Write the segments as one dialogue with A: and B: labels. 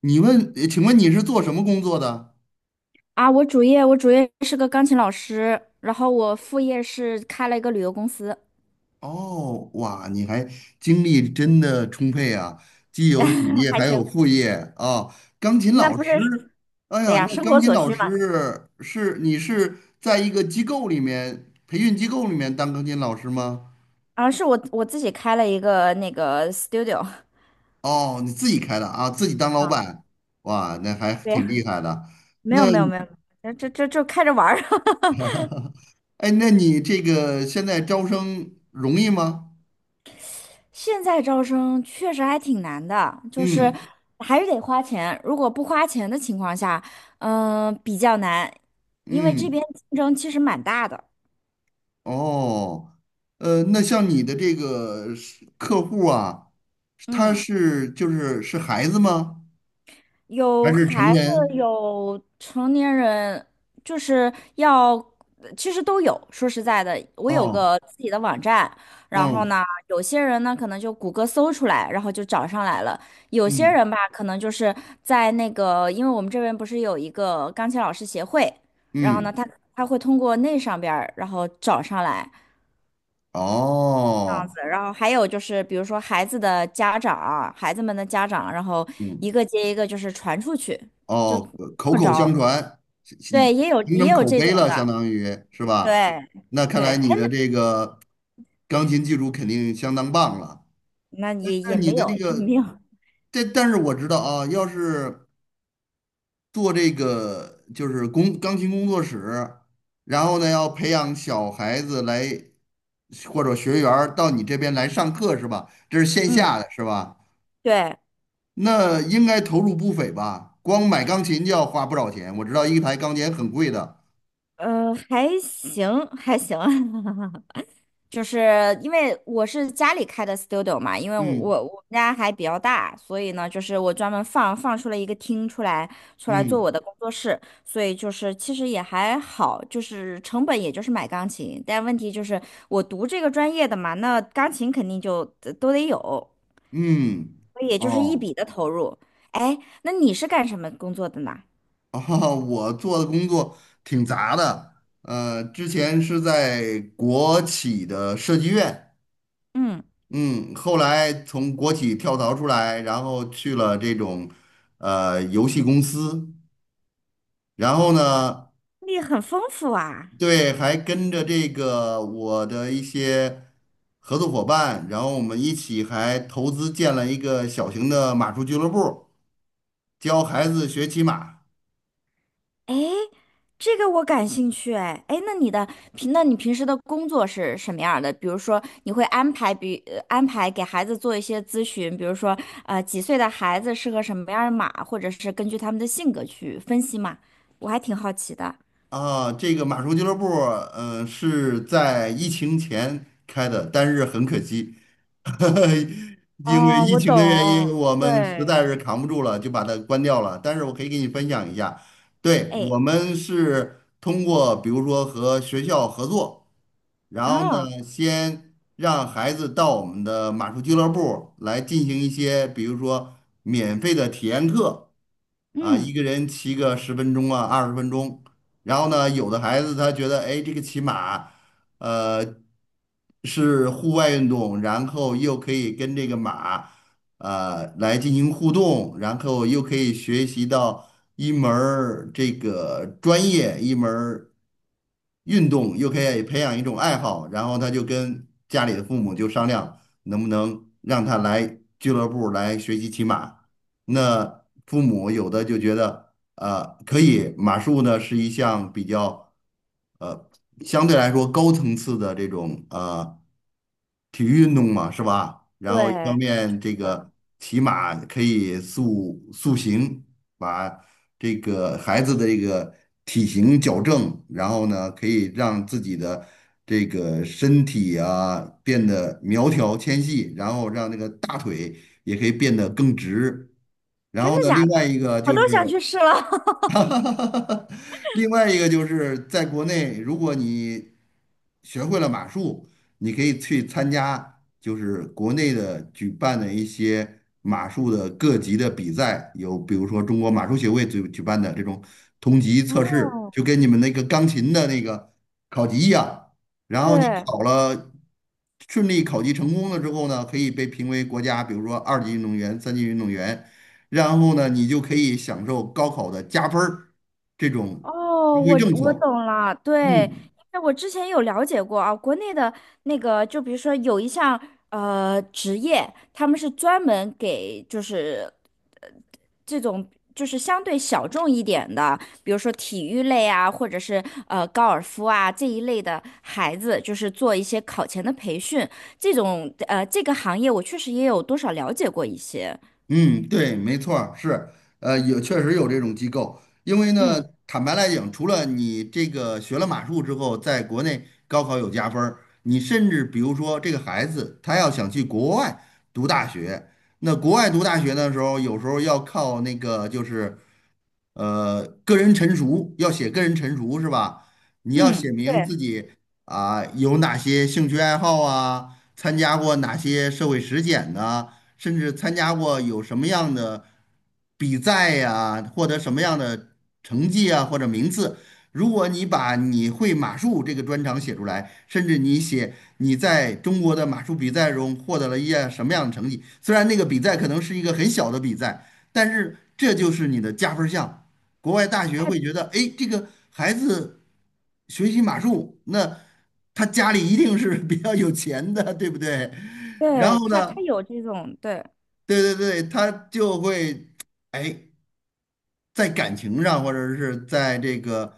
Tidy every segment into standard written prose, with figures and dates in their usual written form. A: 你问，请问你是做什么工作的？
B: 啊，我主业是个钢琴老师，然后我副业是开了一个旅游公司，
A: 哦，哇，你还精力真的充沛啊，既有主 业
B: 还
A: 还有
B: 行。
A: 副业啊。钢琴
B: 那
A: 老
B: 不是，
A: 师，哎
B: 对
A: 呀，
B: 呀，
A: 那
B: 生
A: 钢
B: 活
A: 琴
B: 所
A: 老
B: 需嘛。
A: 师是你是在一个机构里面，培训机构里面当钢琴老师吗？
B: 啊，是我自己开了一个那个 studio
A: 哦，你自己开的啊，自己当老
B: 啊
A: 板，哇，那还
B: 对
A: 挺
B: 呀，
A: 厉害的。
B: 没
A: 那，
B: 有没有没有，这就开着玩儿。
A: 哎，那你这个现在招生容易吗？
B: 现在招生确实还挺难的，就是
A: 嗯
B: 还是得花钱。如果不花钱的情况下，比较难，因为这
A: 嗯。
B: 边竞争其实蛮大的。
A: 哦，那像你的这个是客户啊，他
B: 嗯。
A: 是就是是孩子吗？还
B: 有
A: 是成
B: 孩子，
A: 人？
B: 有成年人，就是要，其实都有。说实在的，我有
A: 哦，
B: 个自己的网站，然后
A: 嗯
B: 呢，有些人呢可能就谷歌搜出来，然后就找上来了；有些
A: 嗯
B: 人吧，可能就是在那个，因为我们这边不是有一个钢琴老师协会，然后呢，
A: 嗯，
B: 他会通过那上边儿，然后找上来。这样
A: 哦，
B: 子，然后还有就是，比如说孩子的家长，孩子们的家长，然后
A: 嗯
B: 一个接一个就是传出去，就这
A: 哦，口
B: 么
A: 口相
B: 着。
A: 传，
B: 对，也有
A: 形
B: 也
A: 成
B: 有
A: 口
B: 这
A: 碑
B: 种
A: 了，相
B: 的，
A: 当于是吧？
B: 对
A: 那看
B: 对，
A: 来
B: 哎
A: 你的这个钢琴技术肯定相当棒了。
B: 那也
A: 那
B: 也
A: 你
B: 没
A: 的
B: 有
A: 那
B: 也
A: 个，
B: 没有，
A: 但是我知道啊，要是做这个就是工钢琴工作室，然后呢要培养小孩子来或者学员儿到你这边来上课是吧？这是线下
B: 嗯，
A: 的是吧？
B: 对，
A: 那应该投入不菲吧？光买钢琴就要花不少钱，我知道一台钢琴很贵的。
B: 还行还行，就是因为我是家里开的 studio 嘛，因为我
A: 嗯
B: 我我们家还比较大，所以呢，就是我专门放出了一个厅出来，出来做
A: 嗯
B: 我的工作室，所以就是其实也还好，就是成本也就是买钢琴，但问题就是我读这个专业的嘛，那钢琴肯定就都得有，
A: 嗯，
B: 所以也就是一
A: 哦，
B: 笔的投入。哎，那你是干什么工作的呢？
A: 啊，我做的工作挺杂的，之前是在国企的设计院。
B: 嗯，
A: 嗯，后来从国企跳槽出来，然后去了这种游戏公司，然后呢，
B: 你很丰富啊。
A: 对，还跟着这个我的一些合作伙伴，然后我们一起还投资建了一个小型的马术俱乐部，教孩子学骑马。
B: 诶，这个我感兴趣哎。诶，那你平时的工作是什么样儿的？比如说，你会安排给孩子做一些咨询，比如说，几岁的孩子适合什么样儿的码，或者是根据他们的性格去分析嘛？我还挺好奇的。
A: 啊，这个马术俱乐部，嗯、是在疫情前开的，但是很可惜，因为
B: 哦，
A: 疫
B: 我
A: 情的原因，
B: 懂，
A: 我们实
B: 对
A: 在是扛不住了，就把它关掉了。但是我可以给你分享一下，对，
B: 诶，
A: 我们是通过比如说和学校合作。然后
B: 哦，
A: 呢，先让孩子到我们的马术俱乐部来进行一些，比如说免费的体验课啊，一
B: 嗯，
A: 个人骑个十分钟啊，20分钟。然后呢，有的孩子他觉得，哎，这个骑马，呃，是户外运动，然后又可以跟这个马。来进行互动，然后又可以学习到一门儿这个专业，一门儿运动，又可以培养一种爱好，然后他就跟家里的父母就商量，能不能让他来俱乐部儿来学习骑马。那父母有的就觉得，可以，马术呢是一项比较，呃，相对来说高层次的这种体育运动嘛，是吧？然后一方
B: 对，
A: 面这个骑马可以塑形，把这个孩子的这个体型矫正，然后呢，可以让自己的这个身体啊变得苗条纤细，然后让那个大腿也可以变得更直。然
B: 真的
A: 后呢，
B: 假
A: 另外
B: 的？
A: 一个
B: 我
A: 就是。
B: 都想去试了。
A: 另外一个就是在国内，如果你学会了马术，你可以去参加就是国内的举办的一些马术的各级的比赛，有比如说中国马术协会举办的这种同级测试，
B: 哦，
A: 就跟你们那个钢琴的那个考级一样。然后你
B: 对。
A: 考了，顺利考级成功了之后呢，可以被评为国家，比如说二级运动员、三级运动员。然后呢，你就可以享受高考的加分儿这种
B: 哦，
A: 优惠
B: 我
A: 政
B: 我
A: 策。
B: 懂了，对，
A: 嗯，
B: 因为我之前有了解过啊，国内的那个，就比如说有一项职业，他们是专门给就是呃这种就是相对小众一点的，比如说体育类啊，或者是高尔夫啊这一类的孩子，就是做一些考前的培训，这个行业我确实也有多少了解过一些，
A: 嗯，对，没错儿，是，有确实有这种机构，因为呢，
B: 嗯
A: 坦白来讲，除了你这个学了马术之后，在国内高考有加分儿，你甚至比如说这个孩子他要想去国外读大学，那国外读大学的时候，有时候要靠那个就是个人陈述，要写个人陈述是吧？你要写
B: 嗯，
A: 明自
B: 对，
A: 己啊、有哪些兴趣爱好啊，参加过哪些社会实践呢？甚至参加过有什么样的比赛呀，获得什么样的成绩啊，或者名次。如果你把你会马术这个专长写出来，甚至你写你在中国的马术比赛中获得了一些什么样的成绩，虽然那个比赛可能是一个很小的比赛，但是这就是你的加分项。国外大学
B: 哎，
A: 会觉得，哎，这个孩子学习马术，那他家里一定是比较有钱的，对不对？然
B: 对，
A: 后
B: 他
A: 呢，
B: 他有这种对。
A: 对对对，他就会，哎，在感情上或者是在这个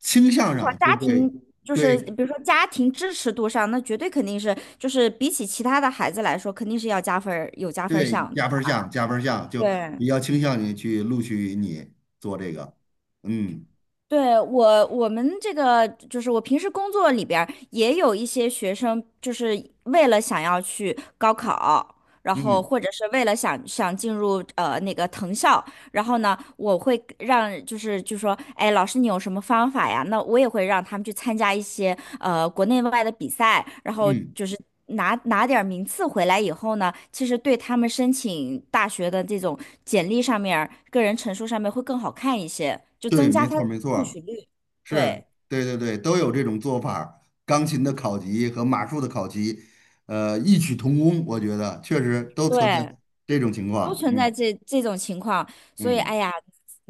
A: 倾向
B: 至少
A: 上，就
B: 家
A: 会
B: 庭就是
A: 对
B: 比如说家庭支持度上，那绝对肯定是就是比起其他的孩子来说，肯定是要加分儿，有加分儿
A: 对
B: 项的
A: 加分儿项加分儿项，就比
B: 对，
A: 较倾向于去录取你做这个。嗯
B: 对，我们这个就是我平时工作里边儿也有一些学生，就是为了想要去高考，然后
A: 嗯
B: 或者是为了想进入那个藤校，然后呢，我会让就是就说，哎，老师你有什么方法呀？那我也会让他们去参加一些国内外的比赛，然后
A: 嗯，
B: 就是拿点儿名次回来以后呢，其实对他们申请大学的这种简历上面儿个人陈述上面会更好看一些，就
A: 对，
B: 增加
A: 没
B: 他。
A: 错儿没错
B: 录
A: 儿，
B: 取率，
A: 是，
B: 对
A: 对对对，都有这种做法儿钢琴的考级和马术的考级，异曲同工，我觉得确实都存在
B: 对，
A: 这种情
B: 都
A: 况。
B: 存
A: 嗯
B: 在这种情况，所以
A: 嗯，
B: 哎呀，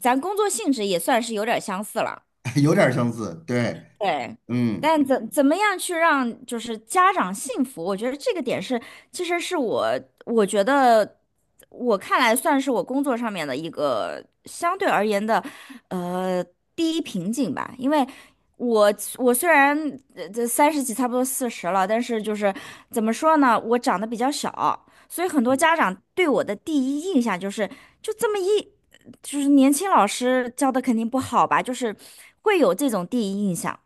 B: 咱工作性质也算是有点相似了。
A: 有点儿相似，对，
B: 对，
A: 嗯。
B: 但怎么样去让就是家长信服？我觉得这个点是，其实是我觉得我看来算是我工作上面的一个相对而言的呃第一瓶颈吧，因为。我我虽然这三十几，差不多四十了，但是就是怎么说呢，我长得比较小，所以很多家长对我的第一印象就是就这么一，就是年轻老师教的肯定不好吧，就是会有这种第一印象。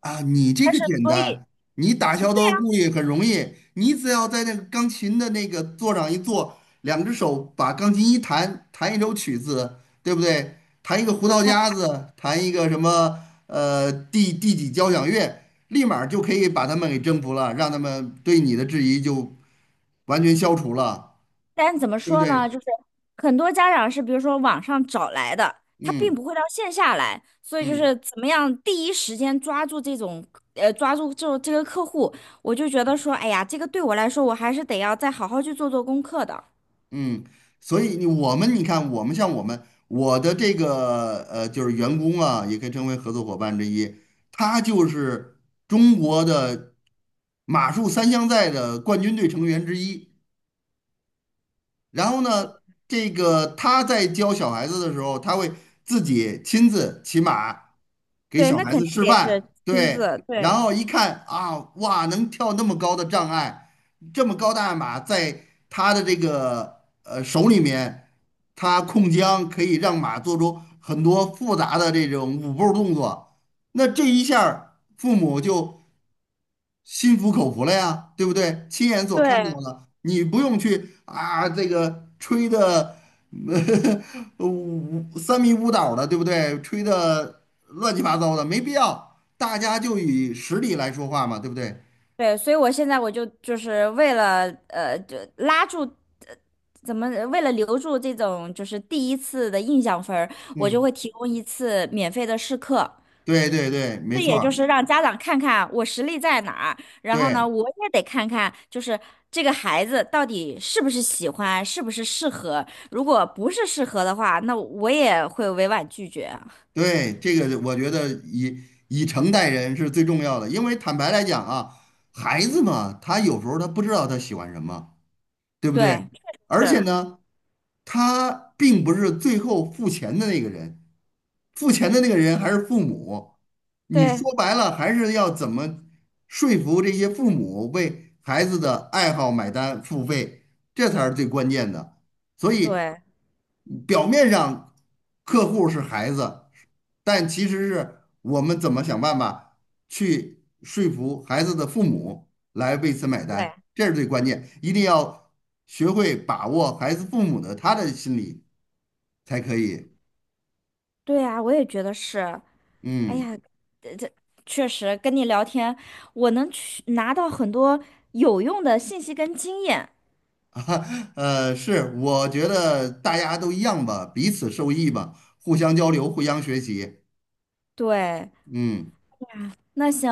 A: 啊，你这
B: 但
A: 个
B: 是
A: 简
B: 所以
A: 单，你打消他的顾虑很容易，你只要在那个钢琴的那个座上一坐，两只手把钢琴一弹，弹一首曲子，对不对？弹一个胡桃
B: 那
A: 夹
B: 他，
A: 子，弹一个什么第几交响乐，立马儿就可以把他们给征服了，让他们对你的质疑就完全消除了，
B: 但是怎么
A: 对不
B: 说呢？
A: 对？
B: 就是很多家长是比如说网上找来的，他并
A: 嗯
B: 不会到线下来，所以就
A: 嗯。
B: 是怎么样第一时间抓住抓住这个客户，我就觉得说，哎呀，这个对我来说，我还是得要再好好去做做功课的。
A: 嗯，所以你我们你看，我们像我的这个就是员工啊，也可以称为合作伙伴之一，他就是中国的马术三项赛的冠军队成员之一。然后呢，这个他在教小孩子的时候，他会自己亲自骑马，给
B: 对，
A: 小
B: 那
A: 孩
B: 肯
A: 子
B: 定
A: 示
B: 得是
A: 范。
B: 亲
A: 对，
B: 自，
A: 然
B: 对
A: 后一看啊，哇，能跳那么高的障碍，这么高大的马，在他的这个手里面，他控缰可以让马做出很多复杂的这种舞步动作。那这一下儿父母就心服口服了呀，对不对？亲眼所看到
B: 对。
A: 了，你不用去啊，这个吹的 五三迷五倒的，对不对？吹的乱七八糟的，没必要。大家就以实力来说话嘛，对不对？
B: 对，所以我现在我就是就拉住，呃怎么为了留住这种就是第一次的印象分儿我就
A: 嗯，
B: 会提供一次免费的试课，
A: 对对对，没
B: 这
A: 错
B: 也
A: 儿
B: 就是让家长看看我实力在哪儿，然后呢，
A: 对
B: 我也得看看就是这个孩子到底是不是喜欢，是不是适合，如果不是适合的话，那我也会委婉拒绝啊。
A: 对，这个我觉得以以诚待人是最重要的，因为坦白来讲啊，孩子嘛，他有时候他不知道他喜欢什么。对不对？
B: 对，确实
A: 而且
B: 是，
A: 呢，他并不是最后付钱的那个人，付钱的那个人还是父母，你
B: 对
A: 说白了还是要怎么说服这些父母为孩子的爱好买单付费，这才是最关键的。所以
B: 对
A: 表面上客户是孩子，但其实是我们怎么想办法去说服孩子的父母来为此买单，
B: 对
A: 这是最关键，一定要学会把握孩子父母的他的心理才可以。
B: 对啊，我也觉得是。哎
A: 嗯。
B: 呀，确实跟你聊天，我能去拿到很多有用的信息跟经验。
A: 是，我觉得大家都一样吧，彼此受益吧，互相交流，互相学习。
B: 对，
A: 嗯，
B: 那行，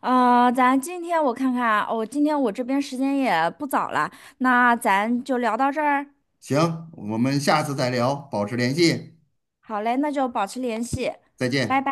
B: 咱今天我看看啊，哦，今天我这边时间也不早了，那咱就聊到这儿。
A: 行，我们下次再聊，保持联系，
B: 好嘞，那就保持联系，
A: 再
B: 拜
A: 见。
B: 拜。